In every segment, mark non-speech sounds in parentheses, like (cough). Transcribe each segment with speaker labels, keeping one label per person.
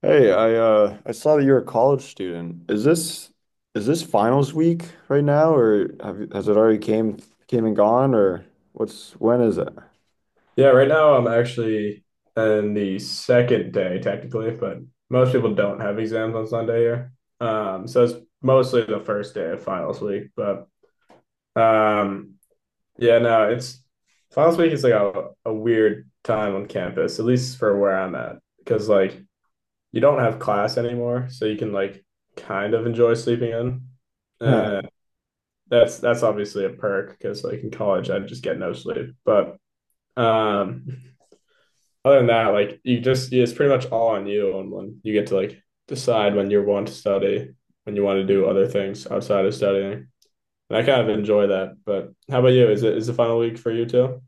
Speaker 1: Hey, I saw that you're a college student. Is this finals week right now, or has it already came and gone, or what's when is it? (laughs)
Speaker 2: Yeah, right now I'm actually in the second day technically, but most people don't have exams on Sunday here. So it's mostly the first day of finals week, but um, yeah, no, it's finals week is like a weird time on campus, at least for where I'm at, because like you don't have class anymore, so you can like kind of enjoy sleeping in.
Speaker 1: Huh.
Speaker 2: Uh, that's obviously a perk because like in college I just get no sleep. But um, (laughs) other than that, like you just yeah, it's pretty much all on you on when you get to like decide when you want to study, when you want to do other things outside of studying. And I kind of enjoy that. But how about you? Is the final week for you too?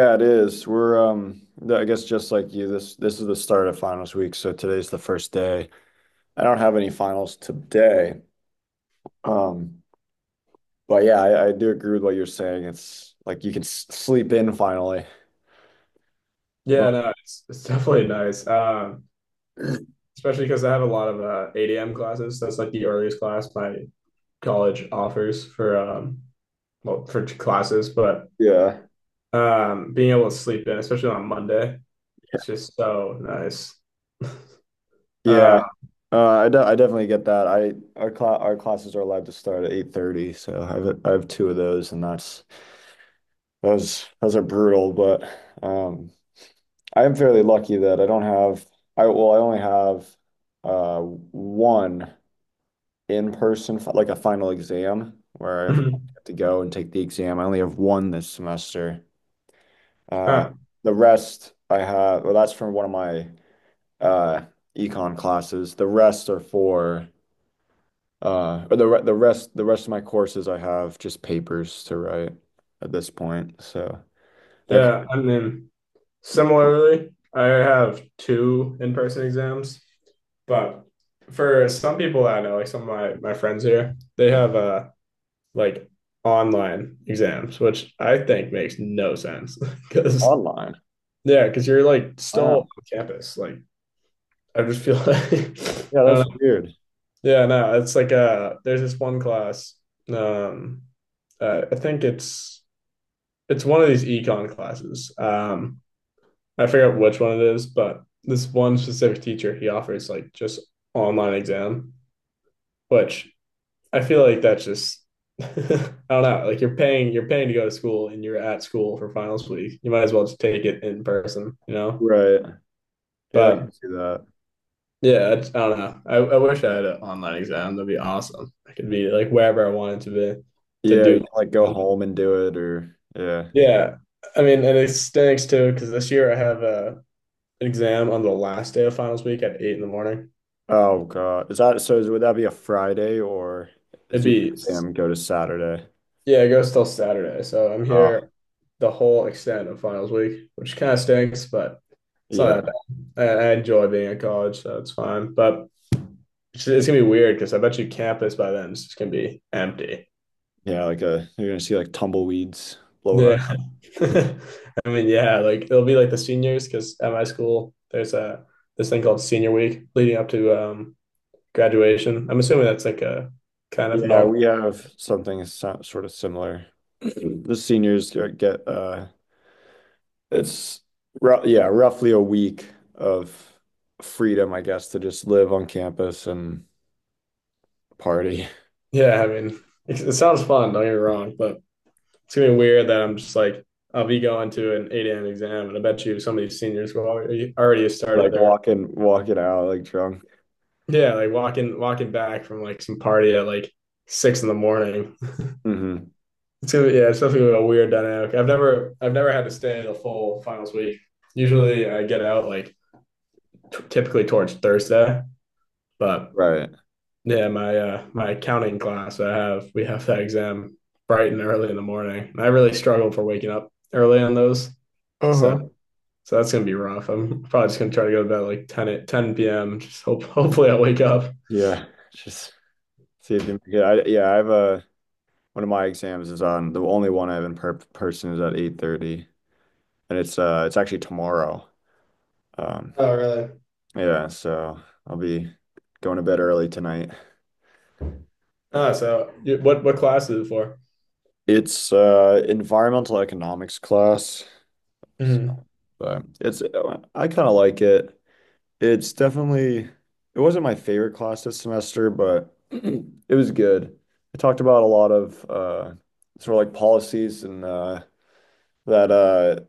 Speaker 2: Yeah.
Speaker 1: it is. I guess just like you, this is the start of finals week, so today's the first day. I don't have any finals today. Um, but yeah, I do agree with what you're saying. It's like you can s sleep in finally. But
Speaker 2: Yeah, no, it's definitely nice. Especially because I have a lot of 8 a.m. classes. That's like the earliest class my college offers for well for classes, but
Speaker 1: yeah.
Speaker 2: being able to sleep in, especially on Monday, it's just so nice. Uh,
Speaker 1: Yeah. I definitely get that. I our cla Our classes are allowed to start at 8:30, so I have two of those, and that's those are brutal. But um, I am fairly lucky that I don't have I well I only have one in-person like a final exam where I have
Speaker 2: (clears throat)
Speaker 1: to go and take the exam. I only have one this semester. Uh,
Speaker 2: uh,
Speaker 1: the rest I have that's from one of my uh econ classes. The rest are for or the re the rest The rest of my courses I have just papers to write at this point, so they're kind
Speaker 2: yeah, I mean. Similarly, I have two in person exams, but for some people I know, like some of my friends here, they have like online exams, which I think makes no sense
Speaker 1: of
Speaker 2: because
Speaker 1: online.
Speaker 2: (laughs) yeah, because you're like still on
Speaker 1: Wow.
Speaker 2: campus. Like I just feel like (laughs)
Speaker 1: Yeah,
Speaker 2: I
Speaker 1: that's
Speaker 2: don't know.
Speaker 1: weird.
Speaker 2: Yeah, no, it's like there's this one class. Um I think it's one of these econ classes. I forget which one it is, but this one specific teacher, he offers like just online exam, which I feel like that's just (laughs) I don't know, like you're paying to go to school and you're at school for finals week. You might as well just take it in person, you know?
Speaker 1: Right. Yeah, I
Speaker 2: But
Speaker 1: can see that.
Speaker 2: yeah, I don't know. I wish I had an online exam. That'd be awesome. I could be like wherever I wanted to be to
Speaker 1: Yeah, you
Speaker 2: do.
Speaker 1: can like go home and do it or yeah.
Speaker 2: Yeah. I mean, and it stinks too, because this year I have an exam on the last day of finals week at 8 in the morning.
Speaker 1: Oh God. Is that would that be a Friday or is
Speaker 2: It'd
Speaker 1: your
Speaker 2: be
Speaker 1: exam go to Saturday?
Speaker 2: Yeah, it goes till Saturday. So I'm
Speaker 1: Oh,
Speaker 2: here the whole extent of finals week, which kind of stinks, but it's not
Speaker 1: yeah.
Speaker 2: that bad. I enjoy being at college, so it's fine. But it's gonna be weird because I bet you campus by then is just gonna be empty.
Speaker 1: Yeah, like a you're gonna see like tumbleweeds blowing our.
Speaker 2: Yeah. (laughs) I mean, yeah, like it'll be like the seniors because at my school there's a this thing called senior week leading up to graduation. I'm assuming that's like a kind of
Speaker 1: Yeah,
Speaker 2: normal.
Speaker 1: we have something sort of similar. The seniors uh, it's ru yeah, roughly a week of freedom, I guess, to just live on campus and party. (laughs)
Speaker 2: Yeah, I mean, it sounds fun, don't get me wrong, but it's gonna be weird that I'm just like I'll be going to an 8 a.m. exam, and I bet you some of these seniors will already have started
Speaker 1: Like
Speaker 2: their
Speaker 1: walking out like drunk.
Speaker 2: yeah, like walking back from like some party at like 6 in the morning.
Speaker 1: Hmm.
Speaker 2: It's gonna be, yeah, it's definitely gonna be a weird dynamic. I've never had to stay the full finals week. Usually I get out like typically towards Thursday, but
Speaker 1: Right.
Speaker 2: yeah, my accounting class I have we have that exam bright and early in the morning. And I really struggle for waking up early on those. So
Speaker 1: Uh-huh.
Speaker 2: So that's gonna be rough. I'm probably just gonna try to go to bed like 10 p.m. Just hope (laughs) hopefully I wake up.
Speaker 1: Yeah. Just see if you make it. Yeah, I have a one of my exams is on the only one I have in per person is at 8:30 and it's actually tomorrow. Um
Speaker 2: Oh, really?
Speaker 1: yeah, so I'll be going to bed early tonight.
Speaker 2: Ah, so you, what class is it for?
Speaker 1: It's environmental economics class.
Speaker 2: Mm-hmm.
Speaker 1: But it's I kind of like it. It's definitely it wasn't my favorite class this semester, but (clears throat) it was good. It talked about a lot of sort of like policies and that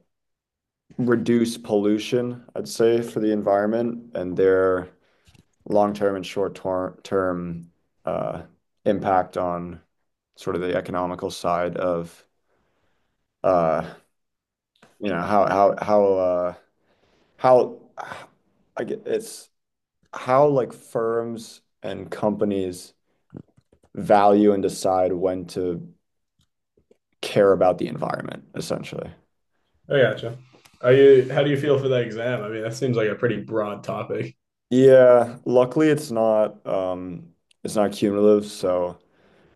Speaker 1: reduce pollution, I'd say, for the environment and their long-term and short-term term uh impact on sort of the economical side of uh you know how I get it's how like firms and companies value and decide when to care about the environment, essentially.
Speaker 2: I gotcha. Are you How do you feel for that exam? I mean, that seems like a pretty broad topic.
Speaker 1: Yeah, luckily it's not it's not cumulative, so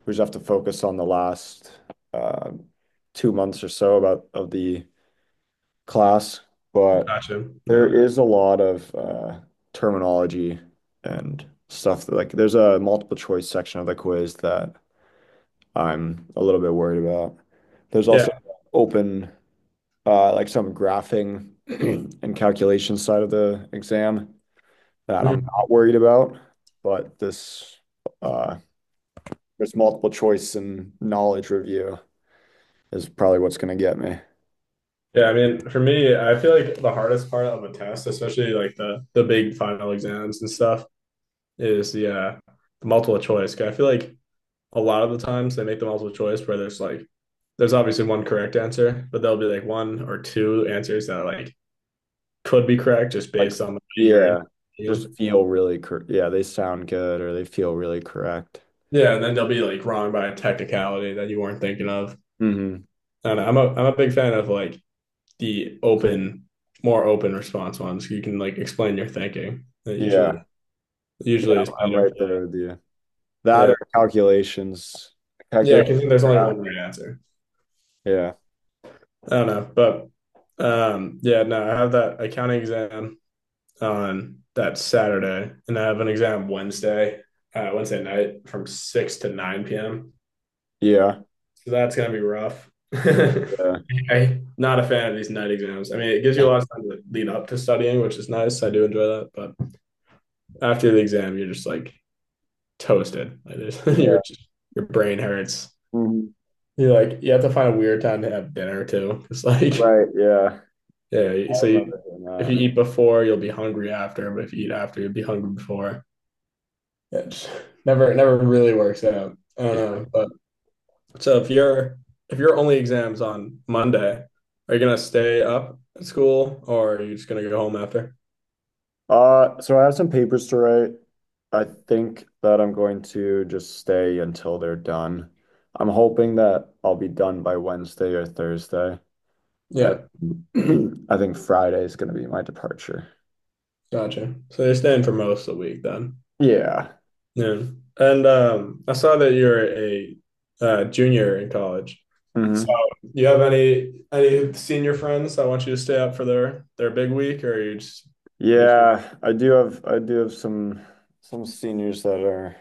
Speaker 1: we just have to focus on the last uh 2 months or so about of the class, but
Speaker 2: Gotcha.
Speaker 1: there
Speaker 2: No.
Speaker 1: is a lot of terminology and stuff that, like there's a multiple choice section of the quiz that I'm a little bit worried about. There's also
Speaker 2: Yeah.
Speaker 1: open, like some graphing (clears throat) and calculation side of the exam that I'm
Speaker 2: Mhm.
Speaker 1: not worried about, but uh, this multiple choice and knowledge review is probably what's going to get me.
Speaker 2: Yeah, I mean, for me, I feel like the hardest part of a test, especially like the big final exams and stuff, is the multiple choice. 'Cause I feel like a lot of the times they make the multiple choice where there's obviously one correct answer, but there'll be like one or two answers that like could be correct just
Speaker 1: Like,
Speaker 2: based on the way you're
Speaker 1: yeah, just
Speaker 2: interviewing.
Speaker 1: feel really yeah, they sound good or they feel really correct.
Speaker 2: Yeah, and then they'll be like wrong by a technicality that you weren't thinking of.
Speaker 1: Hmm.
Speaker 2: And I'm a big fan of like the open, more open response ones. You can like explain your thinking. That usually
Speaker 1: Yeah, yeah,
Speaker 2: usually is
Speaker 1: I'm
Speaker 2: better.
Speaker 1: right there with you. That
Speaker 2: Yeah,
Speaker 1: or calculations.
Speaker 2: yeah,
Speaker 1: Calculate
Speaker 2: because there's only
Speaker 1: that.
Speaker 2: one right answer.
Speaker 1: Yeah.
Speaker 2: I don't know, but yeah, no, I have that accounting exam on that Saturday, and I have an exam Wednesday, Wednesday night from 6 to 9 p.m.
Speaker 1: Yeah.
Speaker 2: So that's gonna be rough. (laughs)
Speaker 1: Yeah.
Speaker 2: I not a fan of these night exams. I mean, it gives you a lot of time to lead up to studying, which is nice. I do enjoy that, but after the exam, you're just like toasted. Like (laughs) you're
Speaker 1: Yeah.
Speaker 2: just, your brain hurts.
Speaker 1: Mhm.
Speaker 2: You have to find a weird time to have dinner too. It's like
Speaker 1: Right. Yeah.
Speaker 2: (laughs) yeah.
Speaker 1: I
Speaker 2: So
Speaker 1: remember doing
Speaker 2: if you
Speaker 1: that.
Speaker 2: eat before, you'll be hungry after. But if you eat after, you'll be hungry before. It's never really works out. I don't
Speaker 1: Yeah.
Speaker 2: know. But So if your if your only exam's on Monday, are you gonna stay up at school or are you just gonna go home after?
Speaker 1: So I have some papers to write. I think that I'm going to just stay until they're done. I'm hoping that I'll be done by Wednesday or Thursday.
Speaker 2: Yeah,
Speaker 1: And (clears throat) I think Friday is going to be my departure.
Speaker 2: gotcha. So you're staying for most of the week then.
Speaker 1: Yeah.
Speaker 2: Yeah. And I saw that you're a junior in college. So
Speaker 1: Hmm.
Speaker 2: you have any senior friends that want you to stay up for their big week or you.
Speaker 1: Yeah, I do have some seniors that are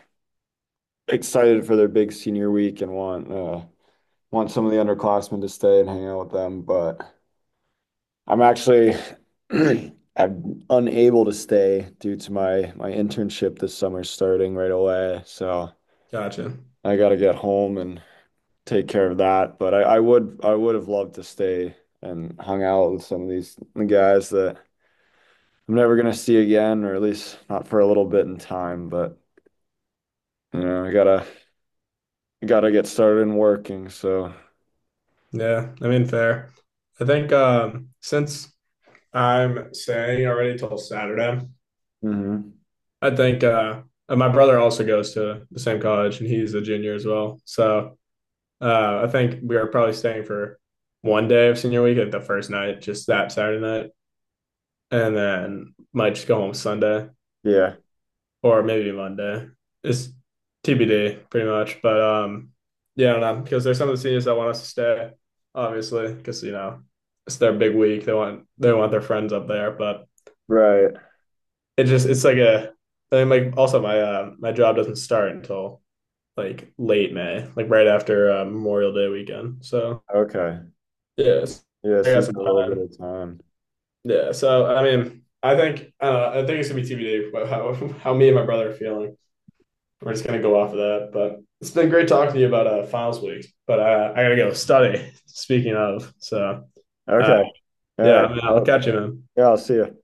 Speaker 1: excited for their big senior week and want some of the underclassmen to stay and hang out with them. But I'm actually (clears throat) I'm unable to stay due to my internship this summer starting right away. So
Speaker 2: Gotcha.
Speaker 1: I got to get home and take care of that. But I would have loved to stay and hung out with some of these guys that I'm never gonna see again, or at least not for a little bit in time. But you know, I gotta gotta get started in working. So
Speaker 2: Yeah, I mean, fair. I think since I'm staying already till Saturday,
Speaker 1: mhm.
Speaker 2: I think and my brother also goes to the same college and he's a junior as well. So I think we are probably staying for one day of senior week at the first night, just that Saturday night, and then might just go home Sunday
Speaker 1: Yeah.
Speaker 2: or maybe Monday. It's TBD, pretty much. But yeah, I don't know because there's some of the seniors that want us to stay, obviously, because you know it's their big week. They want their friends up there, but
Speaker 1: Right.
Speaker 2: it's like a, I mean, like also my job doesn't start until like late May, like right after Memorial Day weekend. So
Speaker 1: Okay.
Speaker 2: yeah,
Speaker 1: Yeah,
Speaker 2: I
Speaker 1: so
Speaker 2: got
Speaker 1: you
Speaker 2: some
Speaker 1: got a little
Speaker 2: time.
Speaker 1: bit of time.
Speaker 2: Yeah, so I mean, I think it's gonna be TBD how (laughs) how me and my brother are feeling. We're just gonna go off of that. But it's been great talking to you about finals week. But I gotta go study. (laughs) Speaking of, so uh,
Speaker 1: Okay. All
Speaker 2: yeah,
Speaker 1: right.
Speaker 2: I mean, I'll
Speaker 1: Oh,
Speaker 2: catch you, man.
Speaker 1: yeah, I'll see you.